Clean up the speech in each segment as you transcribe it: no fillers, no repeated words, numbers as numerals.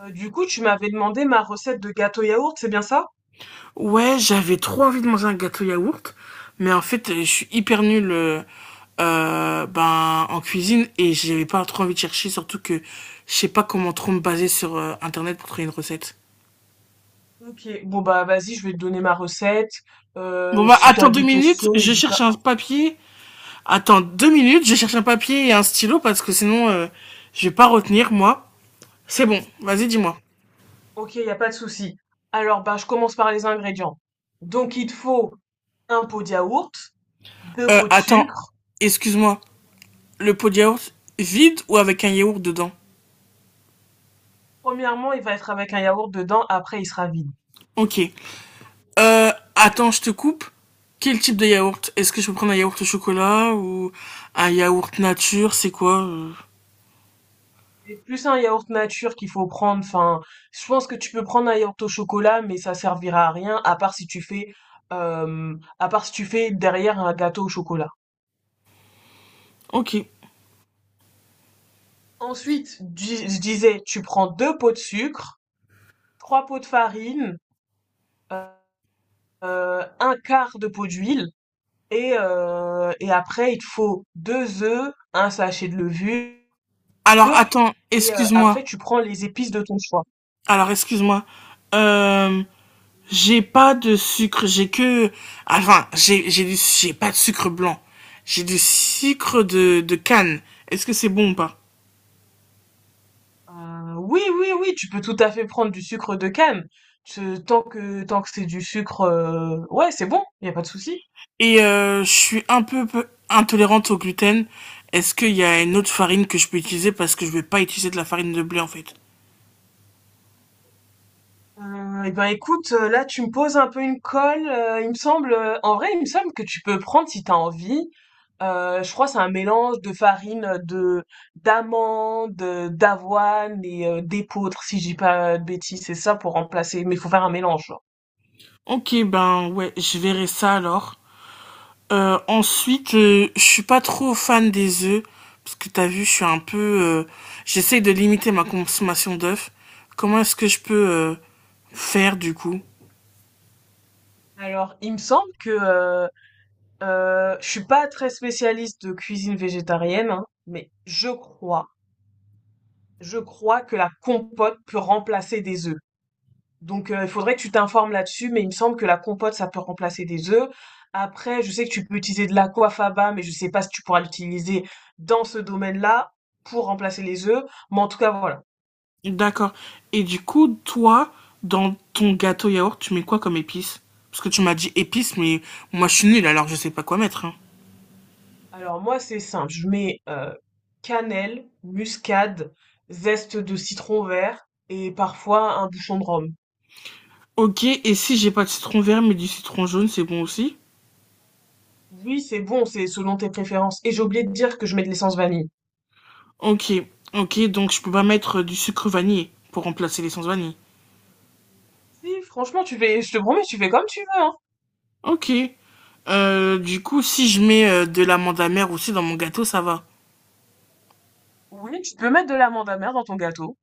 Tu m'avais demandé ma recette de gâteau yaourt, c'est bien ça? Ouais, j'avais trop envie de manger un gâteau yaourt, mais en fait, je suis hyper nul en cuisine et j'avais pas trop envie de chercher, surtout que je sais pas comment trop me baser sur Internet pour trouver une recette. Ok, bon bah vas-y, je vais te donner ma recette. Bon bah Si attends t'as deux des minutes, questions, je n'hésite pas. cherche un papier. Attends deux minutes, je cherche un papier et un stylo parce que sinon je vais pas retenir moi. C'est bon, vas-y O- dis-moi. Ok, y a pas de souci. Alors bah je commence par les ingrédients. Donc il te faut un pot de yaourt, deux pots de Attends, sucre. excuse-moi, le pot de yaourt vide ou avec un yaourt dedans? Premièrement, il va être avec un yaourt dedans, après il sera vide. Ok. Attends, je te coupe. Quel type de yaourt? Est-ce que je peux prendre un yaourt au chocolat ou un yaourt nature? C'est quoi C'est plus un yaourt nature qu'il faut prendre. Enfin, je pense que tu peux prendre un yaourt au chocolat, mais ça servira à rien, à part si tu fais derrière un gâteau au chocolat. Ok. Ensuite, je disais, tu prends deux pots de sucre, trois pots de farine, euh, un quart de pot d'huile, et après, il te faut deux œufs, un sachet de levure, Alors attends, et excuse-moi. après tu prends les épices de ton choix. Alors excuse-moi. Euh, j'ai pas de sucre. J'ai que. Enfin, j'ai du. J'ai pas de sucre blanc. J'ai du sucre de canne. Est-ce que c'est bon ou pas? Oui, oui, oui, tu peux tout à fait prendre du sucre de canne. Ce tant que c'est du sucre, ouais, c'est bon, il y a pas de souci. Et je suis un peu, peu intolérante au gluten. Est-ce qu'il y a une autre farine que je peux utiliser parce que je vais pas utiliser de la farine de blé en fait? Eh ben écoute, là tu me poses un peu une colle. Il me semble, en vrai, il me semble que tu peux prendre si t'as envie. Je crois que c'est un mélange de farine de d'amandes, d'avoine et d'épeautre, si je dis pas de bêtises. C'est ça pour remplacer. Mais il faut faire un mélange. Genre. Ok, ben ouais, je verrai ça alors. Ensuite, je suis pas trop fan des œufs, parce que t'as vu, je suis un peu... j'essaie de limiter ma consommation d'œufs. Comment est-ce que je peux faire du coup? Alors, il me semble que je suis pas très spécialiste de cuisine végétarienne, hein, mais je crois que la compote peut remplacer des œufs. Donc, il faudrait que tu t'informes là-dessus, mais il me semble que la compote, ça peut remplacer des œufs. Après, je sais que tu peux utiliser de l'aquafaba, mais je sais pas si tu pourras l'utiliser dans ce domaine-là pour remplacer les œufs. Mais en tout cas, voilà. D'accord. Et du coup, toi, dans ton gâteau yaourt, tu mets quoi comme épice? Parce que tu m'as dit épices, mais moi je suis nulle, alors je sais pas quoi mettre, hein. Alors, moi, c'est simple. Je mets cannelle, muscade, zeste de citron vert et parfois un bouchon de rhum. Ok, et si j'ai pas de citron vert, mais du citron jaune, c'est bon aussi? Oui, c'est bon, c'est selon tes préférences. Et j'ai oublié de dire que je mets de l'essence vanille. Ok, ok, donc je peux pas mettre du sucre vanillé pour remplacer l'essence vanille. Si, franchement, tu fais, je te promets, tu fais comme tu veux, hein. Ok. Du coup, si je mets de l'amande amère aussi dans mon gâteau, ça va. Oui, tu peux mettre de l'amande amère dans ton gâteau.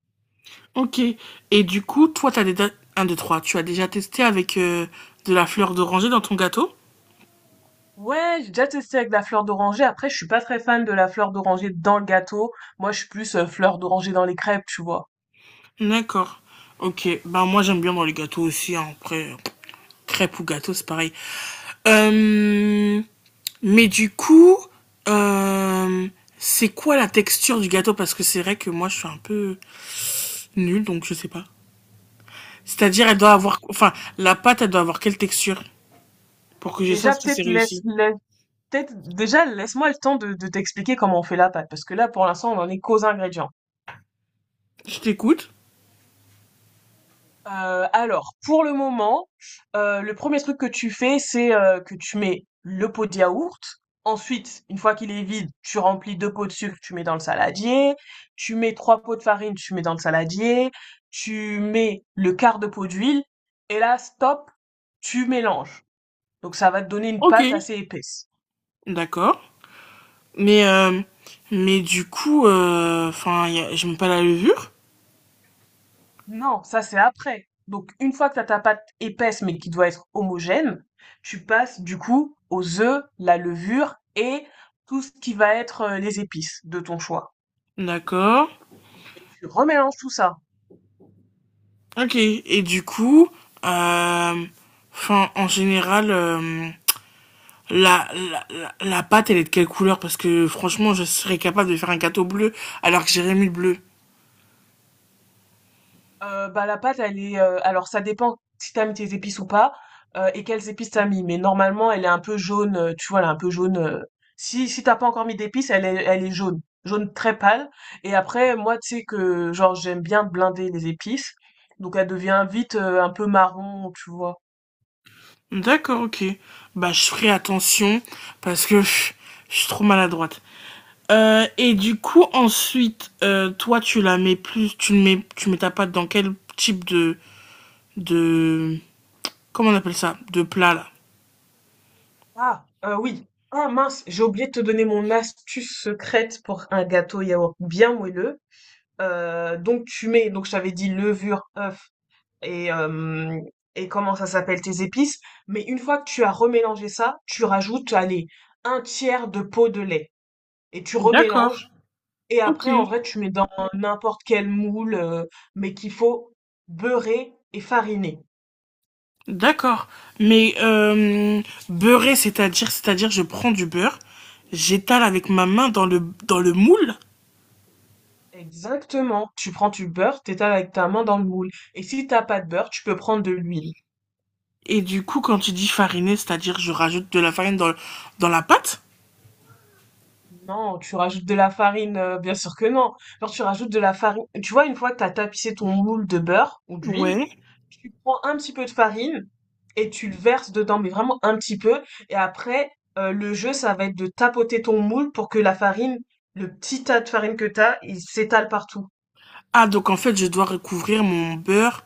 Ok. Et du coup, toi, t'as déjà... un 2, 3. Tu as déjà testé avec de la fleur d'oranger dans ton gâteau? Ouais, j'ai déjà testé avec la fleur d'oranger. Après, je suis pas très fan de la fleur d'oranger dans le gâteau. Moi, je suis plus fleur d'oranger dans les crêpes, tu vois. D'accord. Ok. Ben, moi, j'aime bien dans les gâteaux aussi, hein. Après, crêpes ou gâteau, c'est pareil. Euh, Mais du coup, euh, c'est quoi la texture du gâteau? Parce que c'est vrai que moi, je suis un peu nulle, donc je sais pas. C'est-à-dire, elle doit Ah. avoir... Enfin, la pâte, elle doit avoir quelle texture? Pour que j'ai ça, Déjà, ça c'est peut-être laisse, réussi. laisse- peut-être déjà laisse-moi le temps de t'expliquer comment on fait la pâte, parce que là, pour l'instant, on en est qu'aux ingrédients. Je t'écoute. Alors pour le moment, le premier truc que tu fais, c'est que tu mets le pot de yaourt. Ensuite, une fois qu'il est vide, tu remplis 2 pots de sucre, tu mets dans le saladier. Tu mets 3 pots de farine, tu mets dans le saladier. Tu mets le quart de pot d'huile et là, stop, tu mélanges. Donc ça va te donner une Ok, pâte assez épaisse. d'accord. Mais, euh, mais du coup, je mets pas la levure. Non, ça c'est après. Donc une fois que tu as ta pâte épaisse mais qui doit être homogène, tu passes du coup aux œufs, la levure et tout ce qui va être les épices de ton choix. D'accord. Et tu remélanges tout ça. Ok. Et du coup, euh, en général, la pâte, elle est de quelle couleur? Parce que franchement, je serais capable de faire un gâteau bleu alors que j'ai rien mis le bleu. Bah la pâte elle est alors ça dépend si t'as mis tes épices ou pas, et quelles épices t'as mis, mais normalement elle est un peu jaune, tu vois elle est un peu jaune, si t'as pas encore mis d'épices elle est jaune jaune très pâle. Et après moi tu sais que genre j'aime bien blinder les épices, donc elle devient vite un peu marron, tu vois. D'accord, ok. Bah, je ferai attention parce que pff, je suis trop maladroite. Et du coup, ensuite, toi, tu la mets plus, tu le mets, tu mets ta pâte dans quel type de comment on appelle ça, de plat là? Oui. Ah mince, j'ai oublié de te donner mon astuce secrète pour un gâteau yaourt bien moelleux. Donc tu mets donc j'avais dit levure œuf et et comment ça s'appelle, tes épices. Mais une fois que tu as remélangé ça, tu rajoutes, allez, un tiers de pot de lait et tu D'accord, remélanges. Et ok. après, en vrai, tu mets dans n'importe quel moule, mais qu'il faut beurrer et fariner. D'accord. Mais beurrer, c'est-à-dire, je prends du beurre, j'étale avec ma main dans le moule, Exactement. Tu prends du beurre, t'étales avec ta main dans le moule. Et si t'as pas de beurre, tu peux prendre de l'huile. et du coup, quand tu dis fariner, c'est-à-dire, je rajoute de la farine dans la pâte. Non, tu rajoutes de la farine, bien sûr que non. Genre, tu rajoutes de la farine. Tu vois, une fois que tu as tapissé ton moule de beurre ou d'huile, Ouais. tu prends un petit peu de farine et tu le verses dedans, mais vraiment un petit peu. Et après, le jeu, ça va être de tapoter ton moule pour que le petit tas de farine que tu as, il s'étale partout. Ah, donc en fait, je dois recouvrir mon beurre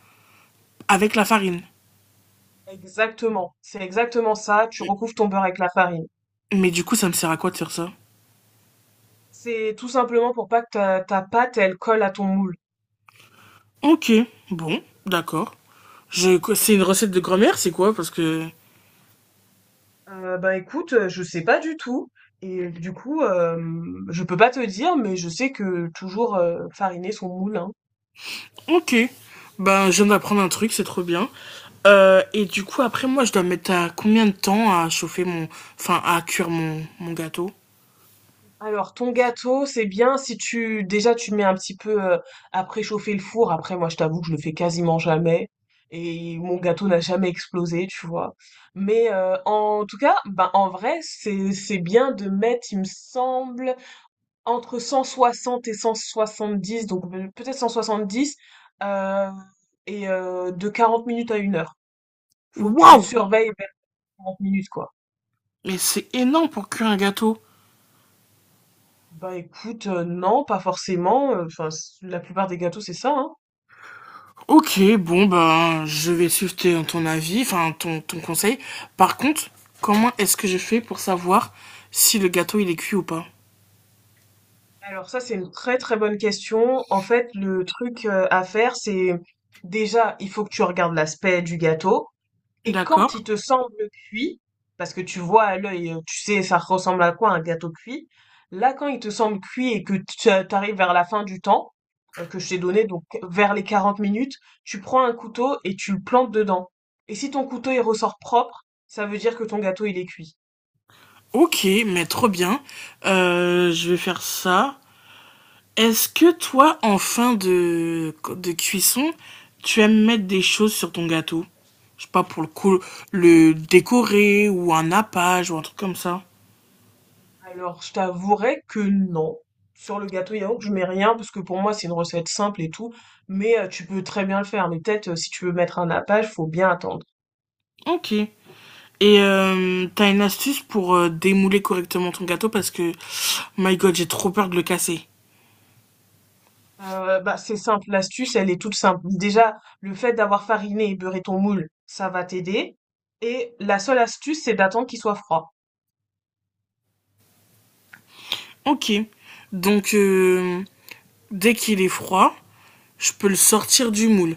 avec la farine. Exactement. C'est exactement ça. Tu recouvres ton beurre avec la farine. Mais du coup, ça me sert à quoi de faire ça? C'est tout simplement pour pas que ta pâte, elle colle à ton moule. Ok, bon, d'accord. Je... C'est une recette de grand-mère, c'est quoi? Parce que... Bah, écoute, je sais pas du tout et du coup, je peux pas te dire, mais je sais que toujours, fariner son moule, hein. Ok, ben je viens d'apprendre un truc, c'est trop bien. Et du coup, après, moi, je dois mettre à combien de temps à chauffer mon... Enfin, à cuire mon gâteau? Alors ton gâteau, c'est bien si tu mets un petit peu, à préchauffer le four. Après moi, je t'avoue que je le fais quasiment jamais et mon gâteau n'a jamais explosé, tu vois? Mais, en tout cas, ben, en vrai, c'est bien de mettre, il me semble, entre 160 et 170, donc peut-être 170, euh, et de 40 minutes à une heure. Faut que tu Waouh! surveilles vers 40 minutes, quoi. Mais c'est énorme pour cuire un gâteau. Bah écoute, non, pas forcément. Enfin, la plupart des gâteaux, c'est ça, hein. Ok, bon ben, je vais suivre ton avis, enfin ton conseil. Par contre, comment est-ce que je fais pour savoir si le gâteau il est cuit ou pas? Alors ça, c'est une très très bonne question. En fait, le truc à faire, c'est déjà, il faut que tu regardes l'aspect du gâteau. Et quand D'accord. il te semble cuit, parce que tu vois à l'œil, tu sais, ça ressemble à quoi un gâteau cuit, là, quand il te semble cuit et que tu arrives vers la fin du temps, que je t'ai donné, donc vers les 40 minutes, tu prends un couteau et tu le plantes dedans. Et si ton couteau, il ressort propre, ça veut dire que ton gâteau, il est cuit. Ok, mais trop bien. Je vais faire ça. Est-ce que toi, en fin de cuisson, tu aimes mettre des choses sur ton gâteau? Je sais pas, pour le décorer ou un nappage ou un truc comme ça. Alors, je t'avouerai que non. Sur le gâteau yaourt, je mets rien, parce que pour moi, c'est une recette simple et tout, mais tu peux très bien le faire. Mais peut-être, si tu veux mettre un nappage, faut bien attendre. Ok. Et t'as une astuce pour démouler correctement ton gâteau parce que, my god, j'ai trop peur de le casser. Bah, c'est simple, l'astuce, elle est toute simple. Déjà, le fait d'avoir fariné et beurré ton moule, ça va t'aider. Et la seule astuce, c'est d'attendre qu'il soit froid. Ok. Donc, dès qu'il est froid, je peux le sortir du moule.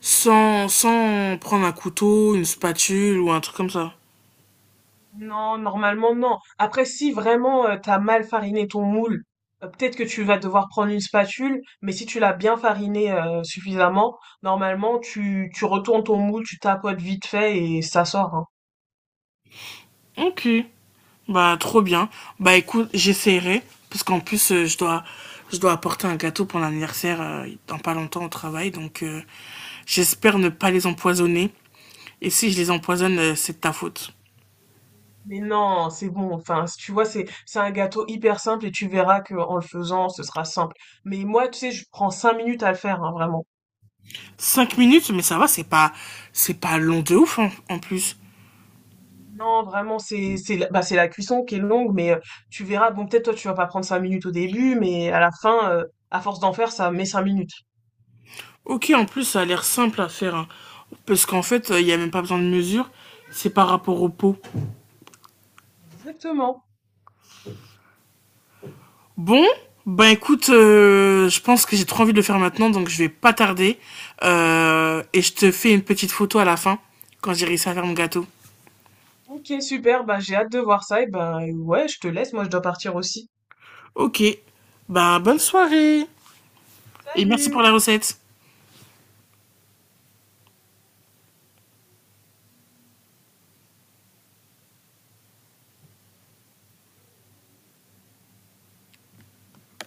Sans prendre un couteau, une spatule ou un truc comme ça. Non, normalement non. Après, si vraiment t'as mal fariné ton moule, peut-être que tu vas devoir prendre une spatule, mais si tu l'as bien fariné suffisamment, normalement tu retournes ton moule, tu tapotes vite fait et ça sort, hein. Ok. Bah, trop bien. Bah, écoute, j'essaierai. Parce qu'en plus, je dois apporter un gâteau pour l'anniversaire dans pas longtemps au travail. Donc, j'espère ne pas les empoisonner. Et si je les empoisonne, c'est de ta faute. Mais non, c'est bon. Enfin, tu vois, c'est un gâteau hyper simple et tu verras que en le faisant, ce sera simple. Mais moi, tu sais, je prends 5 minutes à le faire, hein, vraiment. 5 minutes, mais ça va, c'est pas long de ouf en, en plus. Non, vraiment, c'est la cuisson qui est longue, mais tu verras, bon, peut-être toi, tu vas pas prendre 5 minutes au début, mais à la fin, à force d'en faire, ça met 5 minutes. Ok, en plus, ça a l'air simple à faire, hein. Parce qu'en fait, il n'y a même pas besoin de mesure. C'est par rapport au pot. Exactement. Bon, bah écoute, je pense que j'ai trop envie de le faire maintenant, donc je vais pas tarder. Et je te fais une petite photo à la fin, quand j'ai réussi à faire mon gâteau. Ok, super, bah, j'ai hâte de voir ça, et ben ouais, je te laisse, moi, je dois partir aussi. Ok, bah bonne soirée. Et merci pour Salut! la recette.